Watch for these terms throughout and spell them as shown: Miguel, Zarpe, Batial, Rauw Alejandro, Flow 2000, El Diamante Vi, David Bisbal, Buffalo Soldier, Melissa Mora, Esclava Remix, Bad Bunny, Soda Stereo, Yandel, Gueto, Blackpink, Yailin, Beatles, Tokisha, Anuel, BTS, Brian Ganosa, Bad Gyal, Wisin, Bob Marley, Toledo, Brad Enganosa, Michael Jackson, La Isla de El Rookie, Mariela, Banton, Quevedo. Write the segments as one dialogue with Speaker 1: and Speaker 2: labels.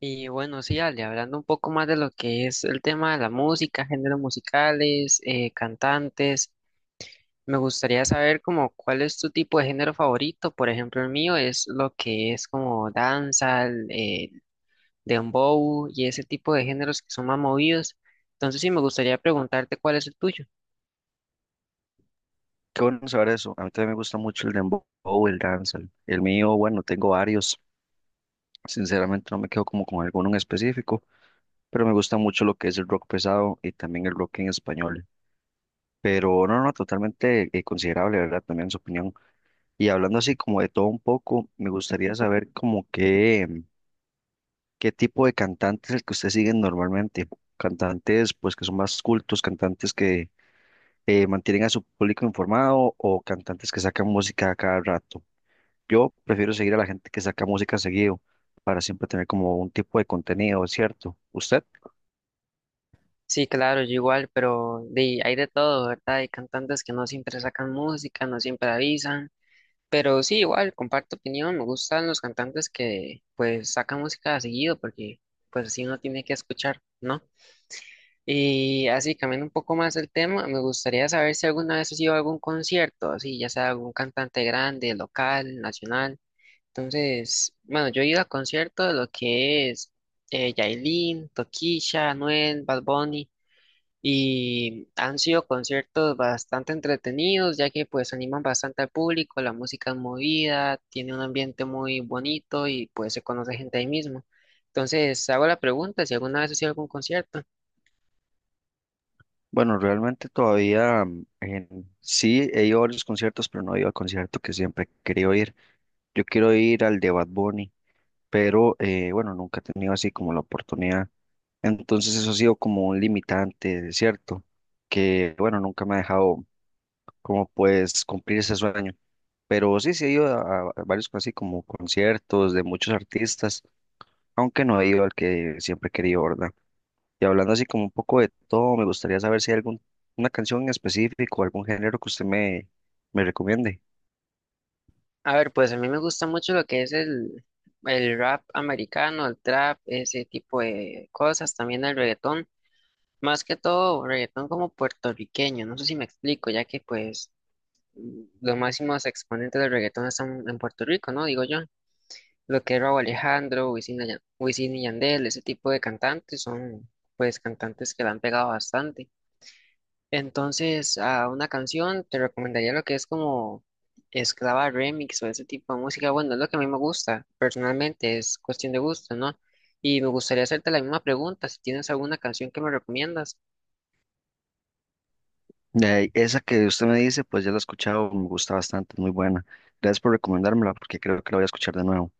Speaker 1: Y bueno, sí, Ale, hablando un poco más de lo que es el tema de la música, géneros musicales, cantantes, me gustaría saber como cuál es tu tipo de género favorito. Por ejemplo, el mío es lo que es como danza, dembow y ese tipo de géneros que son más movidos. Entonces sí, me gustaría preguntarte cuál es el tuyo.
Speaker 2: Qué bueno saber eso. A mí también me gusta mucho el dembow, el dancehall. El mío, bueno, tengo varios. Sinceramente no me quedo como con alguno en específico, pero me gusta mucho lo que es el rock pesado y también el rock en español. Pero no, totalmente considerable, ¿verdad? También su opinión. Y hablando así como de todo un poco, me gustaría saber como qué tipo de cantantes es el que ustedes siguen normalmente. Cantantes pues que son más cultos, cantantes que mantienen a su público informado o cantantes que sacan música a cada rato. Yo prefiero seguir a la gente que saca música seguido para siempre tener como un tipo de contenido, ¿es ¿cierto? ¿Usted?
Speaker 1: Sí, claro, yo igual, pero hay de todo, ¿verdad? Hay cantantes que no siempre sacan música, no siempre avisan. Pero sí, igual, comparto opinión, me gustan los cantantes que pues sacan música seguido porque pues así uno tiene que escuchar, ¿no? Y así, cambiando un poco más el tema, me gustaría saber si alguna vez has ido a algún concierto, así, ya sea algún cantante grande, local, nacional. Entonces, bueno, yo he ido a conciertos de lo que es Yailin, Tokisha, Anuel, Bad Bunny. Y han sido conciertos bastante entretenidos, ya que pues animan bastante al público, la música es movida, tiene un ambiente muy bonito y pues se conoce gente ahí mismo. Entonces, hago la pregunta si alguna vez has ido a algún concierto.
Speaker 2: Bueno, realmente todavía sí he ido a varios conciertos, pero no he ido al concierto que siempre he querido ir. Yo quiero ir al de Bad Bunny, pero bueno, nunca he tenido así como la oportunidad. Entonces eso ha sido como un limitante, ¿es cierto? Que bueno, nunca me ha dejado como pues cumplir ese sueño. Pero sí, sí he ido a varios así como conciertos de muchos artistas aunque no he ido al que siempre he querido, ¿verdad? Y hablando así como un poco de todo, me gustaría saber si hay algún, una canción en específico, algún género que me recomiende.
Speaker 1: A ver, pues a mí me gusta mucho lo que es el rap americano, el trap, ese tipo de cosas, también el reggaetón, más que todo reggaetón como puertorriqueño, no sé si me explico, ya que pues los máximos exponentes del reggaetón están en Puerto Rico, ¿no? Digo yo. Lo que es Rauw Alejandro, Wisin, y Wisin y Yandel, ese tipo de cantantes son pues cantantes que la han pegado bastante. Entonces, a una canción te recomendaría lo que es como Esclava Remix o ese tipo de música. Bueno, es lo que a mí me gusta, personalmente, es cuestión de gusto, ¿no? Y me gustaría hacerte la misma pregunta, si tienes alguna canción que me recomiendas.
Speaker 2: Esa que usted me dice, pues ya la he escuchado, me gusta bastante, es muy buena. Gracias por recomendármela, porque creo que la voy a escuchar de nuevo.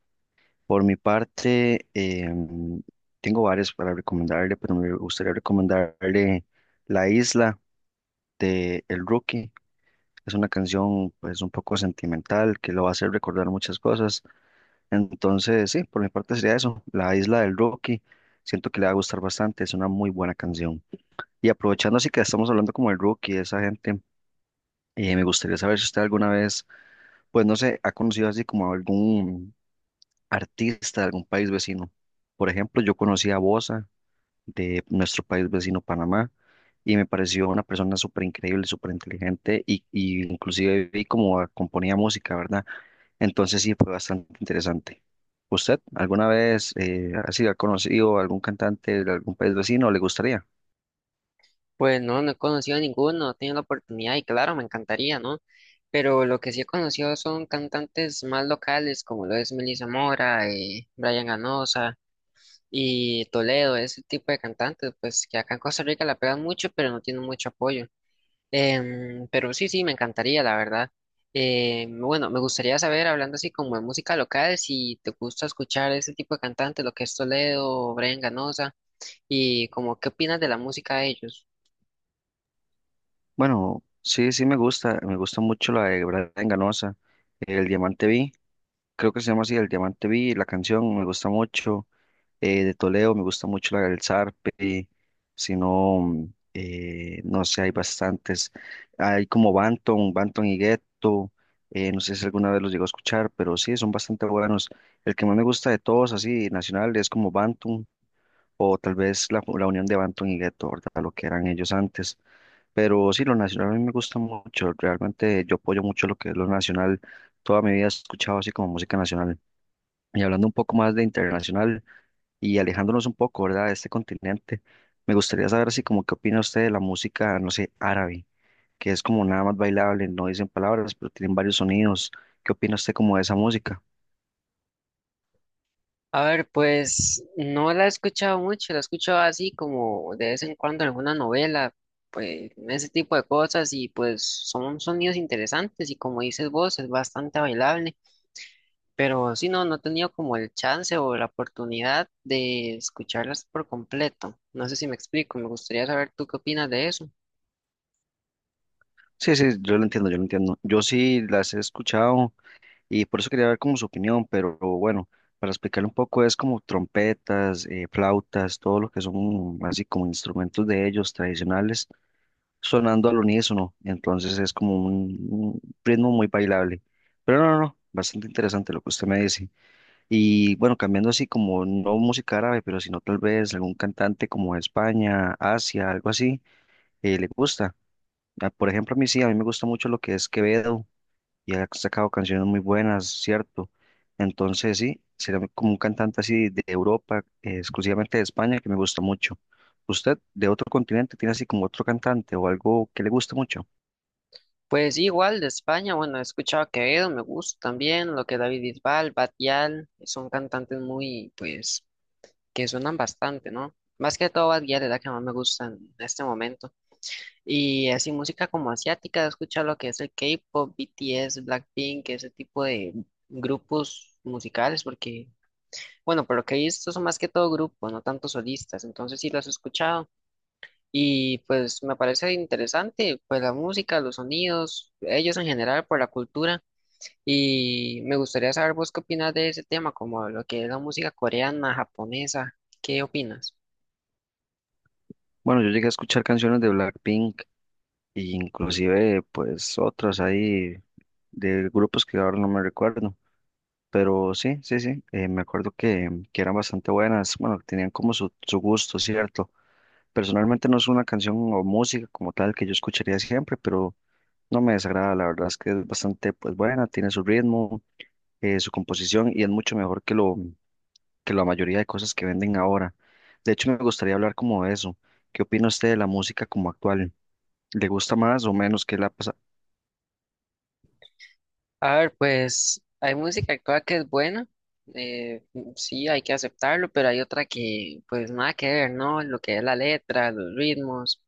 Speaker 2: Por mi parte, tengo varias para recomendarle, pero me gustaría recomendarle La Isla de El Rookie. Es una canción pues un poco sentimental que lo va a hacer recordar muchas cosas. Entonces, sí, por mi parte sería eso, La Isla del Rookie. Siento que le va a gustar bastante, es una muy buena canción. Y aprovechando así que estamos hablando como el Rookie, esa gente, me gustaría saber si usted alguna vez, pues no sé, ha conocido así como algún artista de algún país vecino. Por ejemplo, yo conocí a Bosa de nuestro país vecino, Panamá, y me pareció una persona súper increíble, súper inteligente, y inclusive vi cómo componía música, ¿verdad? Entonces sí, fue bastante interesante. ¿Usted alguna vez así ha sido conocido algún cantante de algún país vecino? ¿Le gustaría?
Speaker 1: Pues no, no he conocido a ninguno, no he tenido la oportunidad y claro, me encantaría, ¿no? Pero lo que sí he conocido son cantantes más locales, como lo es Melissa Mora, Brian Ganosa y Toledo, ese tipo de cantantes, pues que acá en Costa Rica la pegan mucho, pero no tienen mucho apoyo. Pero sí, sí, me encantaría, la verdad. Bueno, me gustaría saber, hablando así como de música local, si te gusta escuchar ese tipo de cantantes, lo que es Toledo, Brian Ganosa, y como qué opinas de la música de ellos.
Speaker 2: Bueno, sí, sí me gusta. Me gusta mucho la de Brad Enganosa, El Diamante Vi. Creo que se llama así, El Diamante Vi. La canción me gusta mucho. De Toledo, me gusta mucho el Zarpe, si no, no sé, hay bastantes, hay como Banton y Gueto, no sé si alguna vez los llegó a escuchar, pero sí, son bastante buenos. El que más me gusta de todos, así, nacional, es como Banton, o tal vez la unión de Banton y Gueto, ¿verdad? Lo que eran ellos antes. Pero sí, lo nacional a mí me gusta mucho, realmente yo apoyo mucho lo que es lo nacional, toda mi vida he escuchado así como música nacional. Y hablando un poco más de internacional, y alejándonos un poco, ¿verdad?, de este continente. Me gustaría saber así como qué opina usted de la música, no sé, árabe, que es como nada más bailable, no dicen palabras, pero tienen varios sonidos. ¿Qué opina usted como de esa música?
Speaker 1: A ver, pues no la he escuchado mucho, la he escuchado así como de vez en cuando en alguna novela, pues ese tipo de cosas y pues son sonidos interesantes y como dices vos es bastante bailable, pero sí no, no he tenido como el chance o la oportunidad de escucharlas por completo. No sé si me explico, me gustaría saber tú qué opinas de eso.
Speaker 2: Sí, sí, yo lo entiendo, yo lo entiendo. Yo sí las he escuchado y por eso quería ver como su opinión, pero bueno, para explicarle un poco es como trompetas, flautas, todo lo que son así como instrumentos de ellos tradicionales sonando al unísono, entonces es como un ritmo muy bailable. Pero no, bastante interesante lo que usted me dice. Y bueno, cambiando así como no música árabe, pero sino tal vez algún cantante como de España, Asia, algo así, le gusta. Ah, por ejemplo, a mí sí, a mí me gusta mucho lo que es Quevedo y ha sacado canciones muy buenas, ¿cierto? Entonces sí, sería como un cantante así de Europa, exclusivamente de España, que me gusta mucho. ¿Usted de otro continente tiene así como otro cantante o algo que le guste mucho?
Speaker 1: Pues sí, igual de España, bueno, he escuchado a Quevedo, me gusta también, lo que David Bisbal, Batial, son cantantes muy pues que suenan bastante, ¿no? Más que todo Bad Gyal es la que más me gusta en este momento. Y así música como asiática, he escuchado lo que es el K-pop, BTS, Blackpink, ese tipo de grupos musicales, porque, bueno, por lo que he visto son más que todo grupos, no tanto solistas, entonces sí los he escuchado. Y pues me parece interesante, pues la música, los sonidos, ellos en general, por la cultura. Y me gustaría saber vos qué opinas de ese tema, como lo que es la música coreana, japonesa, ¿qué opinas?
Speaker 2: Bueno, yo llegué a escuchar canciones de Blackpink e inclusive pues otras ahí de grupos que ahora no me recuerdo, pero sí, me acuerdo que eran bastante buenas, bueno, tenían como su gusto, ¿cierto? Personalmente no es una canción o música como tal que yo escucharía siempre, pero no me desagrada, la verdad es que es bastante pues buena, tiene su ritmo, su composición y es mucho mejor que que la mayoría de cosas que venden ahora. De hecho, me gustaría hablar como de eso. ¿Qué opina usted de la música como actual? ¿Le gusta más o menos qué le ha pasado?
Speaker 1: A ver, pues hay música actual que es buena, eh, sí, hay que aceptarlo, pero hay otra que pues nada que ver, ¿no? Lo que es la letra, los ritmos,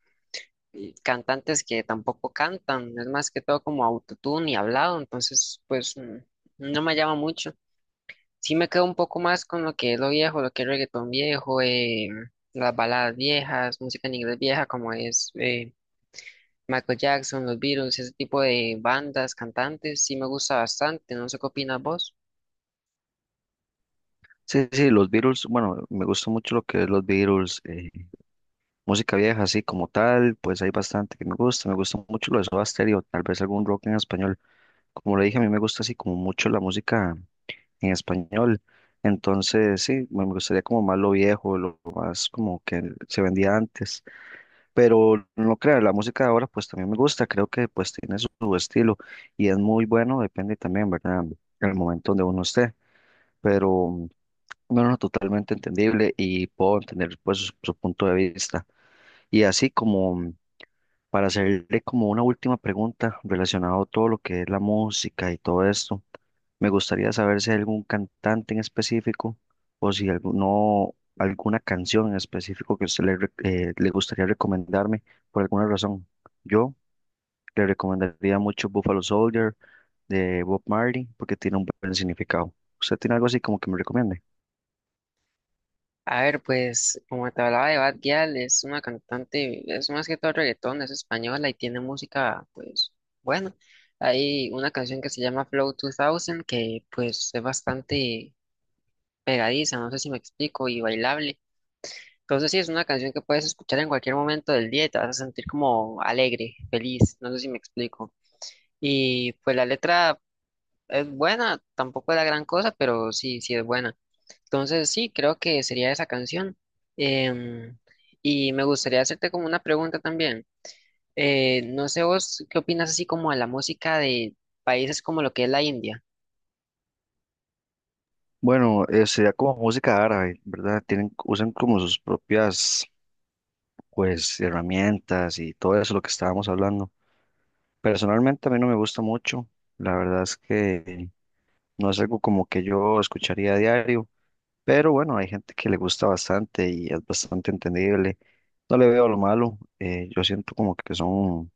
Speaker 1: y cantantes que tampoco cantan, es más que todo como autotune y hablado, entonces pues no me llama mucho. Sí me quedo un poco más con lo que es lo viejo, lo que es reggaetón viejo, las baladas viejas, música en inglés vieja como es Michael Jackson, los Beatles, ese tipo de bandas, cantantes, sí me gusta bastante, no sé qué opinas vos.
Speaker 2: Sí, sí, los Beatles, bueno, me gusta mucho lo que es los Beatles, música vieja así como tal, pues hay bastante que me gusta mucho lo de Soda Stereo, tal vez algún rock en español. Como le dije, a mí me gusta así como mucho la música en español, entonces sí, me gustaría como más lo viejo, lo más como que se vendía antes, pero no crea, la música de ahora pues también me gusta, creo que pues tiene su estilo y es muy bueno, depende también, ¿verdad? El momento donde uno esté, pero... No, no, totalmente entendible y puedo entender pues su punto de vista. Y así como para hacerle como una última pregunta relacionado a todo lo que es la música y todo esto, me gustaría saber si hay algún cantante en específico o si alguno, alguna canción en específico que usted le gustaría recomendarme por alguna razón. Yo le recomendaría mucho Buffalo Soldier de Bob Marley porque tiene un buen significado. ¿Usted tiene algo así como que me recomiende?
Speaker 1: A ver, pues como te hablaba de Bad Gyal, es una cantante, es más que todo reggaetón, es española y tiene música, pues bueno, hay una canción que se llama Flow 2000 que pues es bastante pegadiza, no sé si me explico, y bailable. Entonces sí, es una canción que puedes escuchar en cualquier momento del día y te vas a sentir como alegre, feliz, no sé si me explico. Y pues la letra es buena, tampoco es la gran cosa, pero sí, sí es buena. Entonces, sí, creo que sería esa canción. Em, y me gustaría hacerte como una pregunta también. No sé vos qué opinas así como a la música de países como lo que es la India.
Speaker 2: Bueno, sería como música árabe, ¿verdad? Tienen, usan como sus propias, pues, herramientas y todo eso lo que estábamos hablando. Personalmente a mí no me gusta mucho, la verdad es que no es algo como que yo escucharía a diario, pero bueno, hay gente que le gusta bastante y es bastante entendible. No le veo lo malo, yo siento como que son,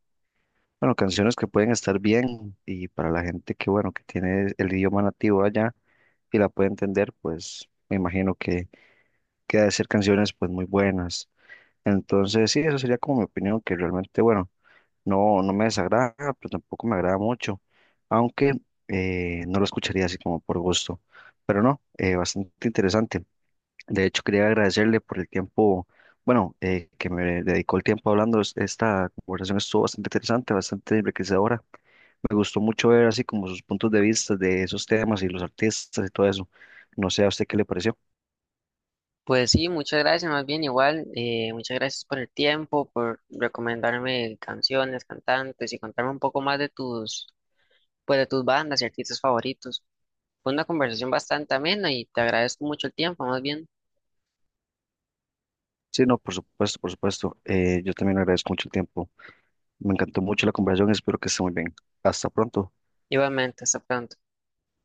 Speaker 2: bueno, canciones que pueden estar bien y para la gente que, bueno, que tiene el idioma nativo allá y la puede entender, pues me imagino que hacer canciones pues muy buenas. Entonces, sí, eso sería como mi opinión, que realmente, bueno, no me desagrada, pero tampoco me agrada mucho, aunque no lo escucharía así como por gusto. Pero no, bastante interesante. De hecho, quería agradecerle por el tiempo, bueno, que me dedicó el tiempo hablando. Esta conversación estuvo bastante interesante, bastante enriquecedora. Me gustó mucho ver así como sus puntos de vista de esos temas y los artistas y todo eso. No sé a usted qué le pareció.
Speaker 1: Pues sí, muchas gracias, más bien igual, muchas gracias por el tiempo, por recomendarme canciones, cantantes y contarme un poco más de tus, pues de tus bandas y artistas favoritos. Fue una conversación bastante amena y te agradezco mucho el tiempo, más bien.
Speaker 2: Sí, no, por supuesto, por supuesto. Yo también agradezco mucho el tiempo. Me encantó mucho la conversación. Espero que esté muy bien. Hasta pronto.
Speaker 1: Igualmente, hasta pronto.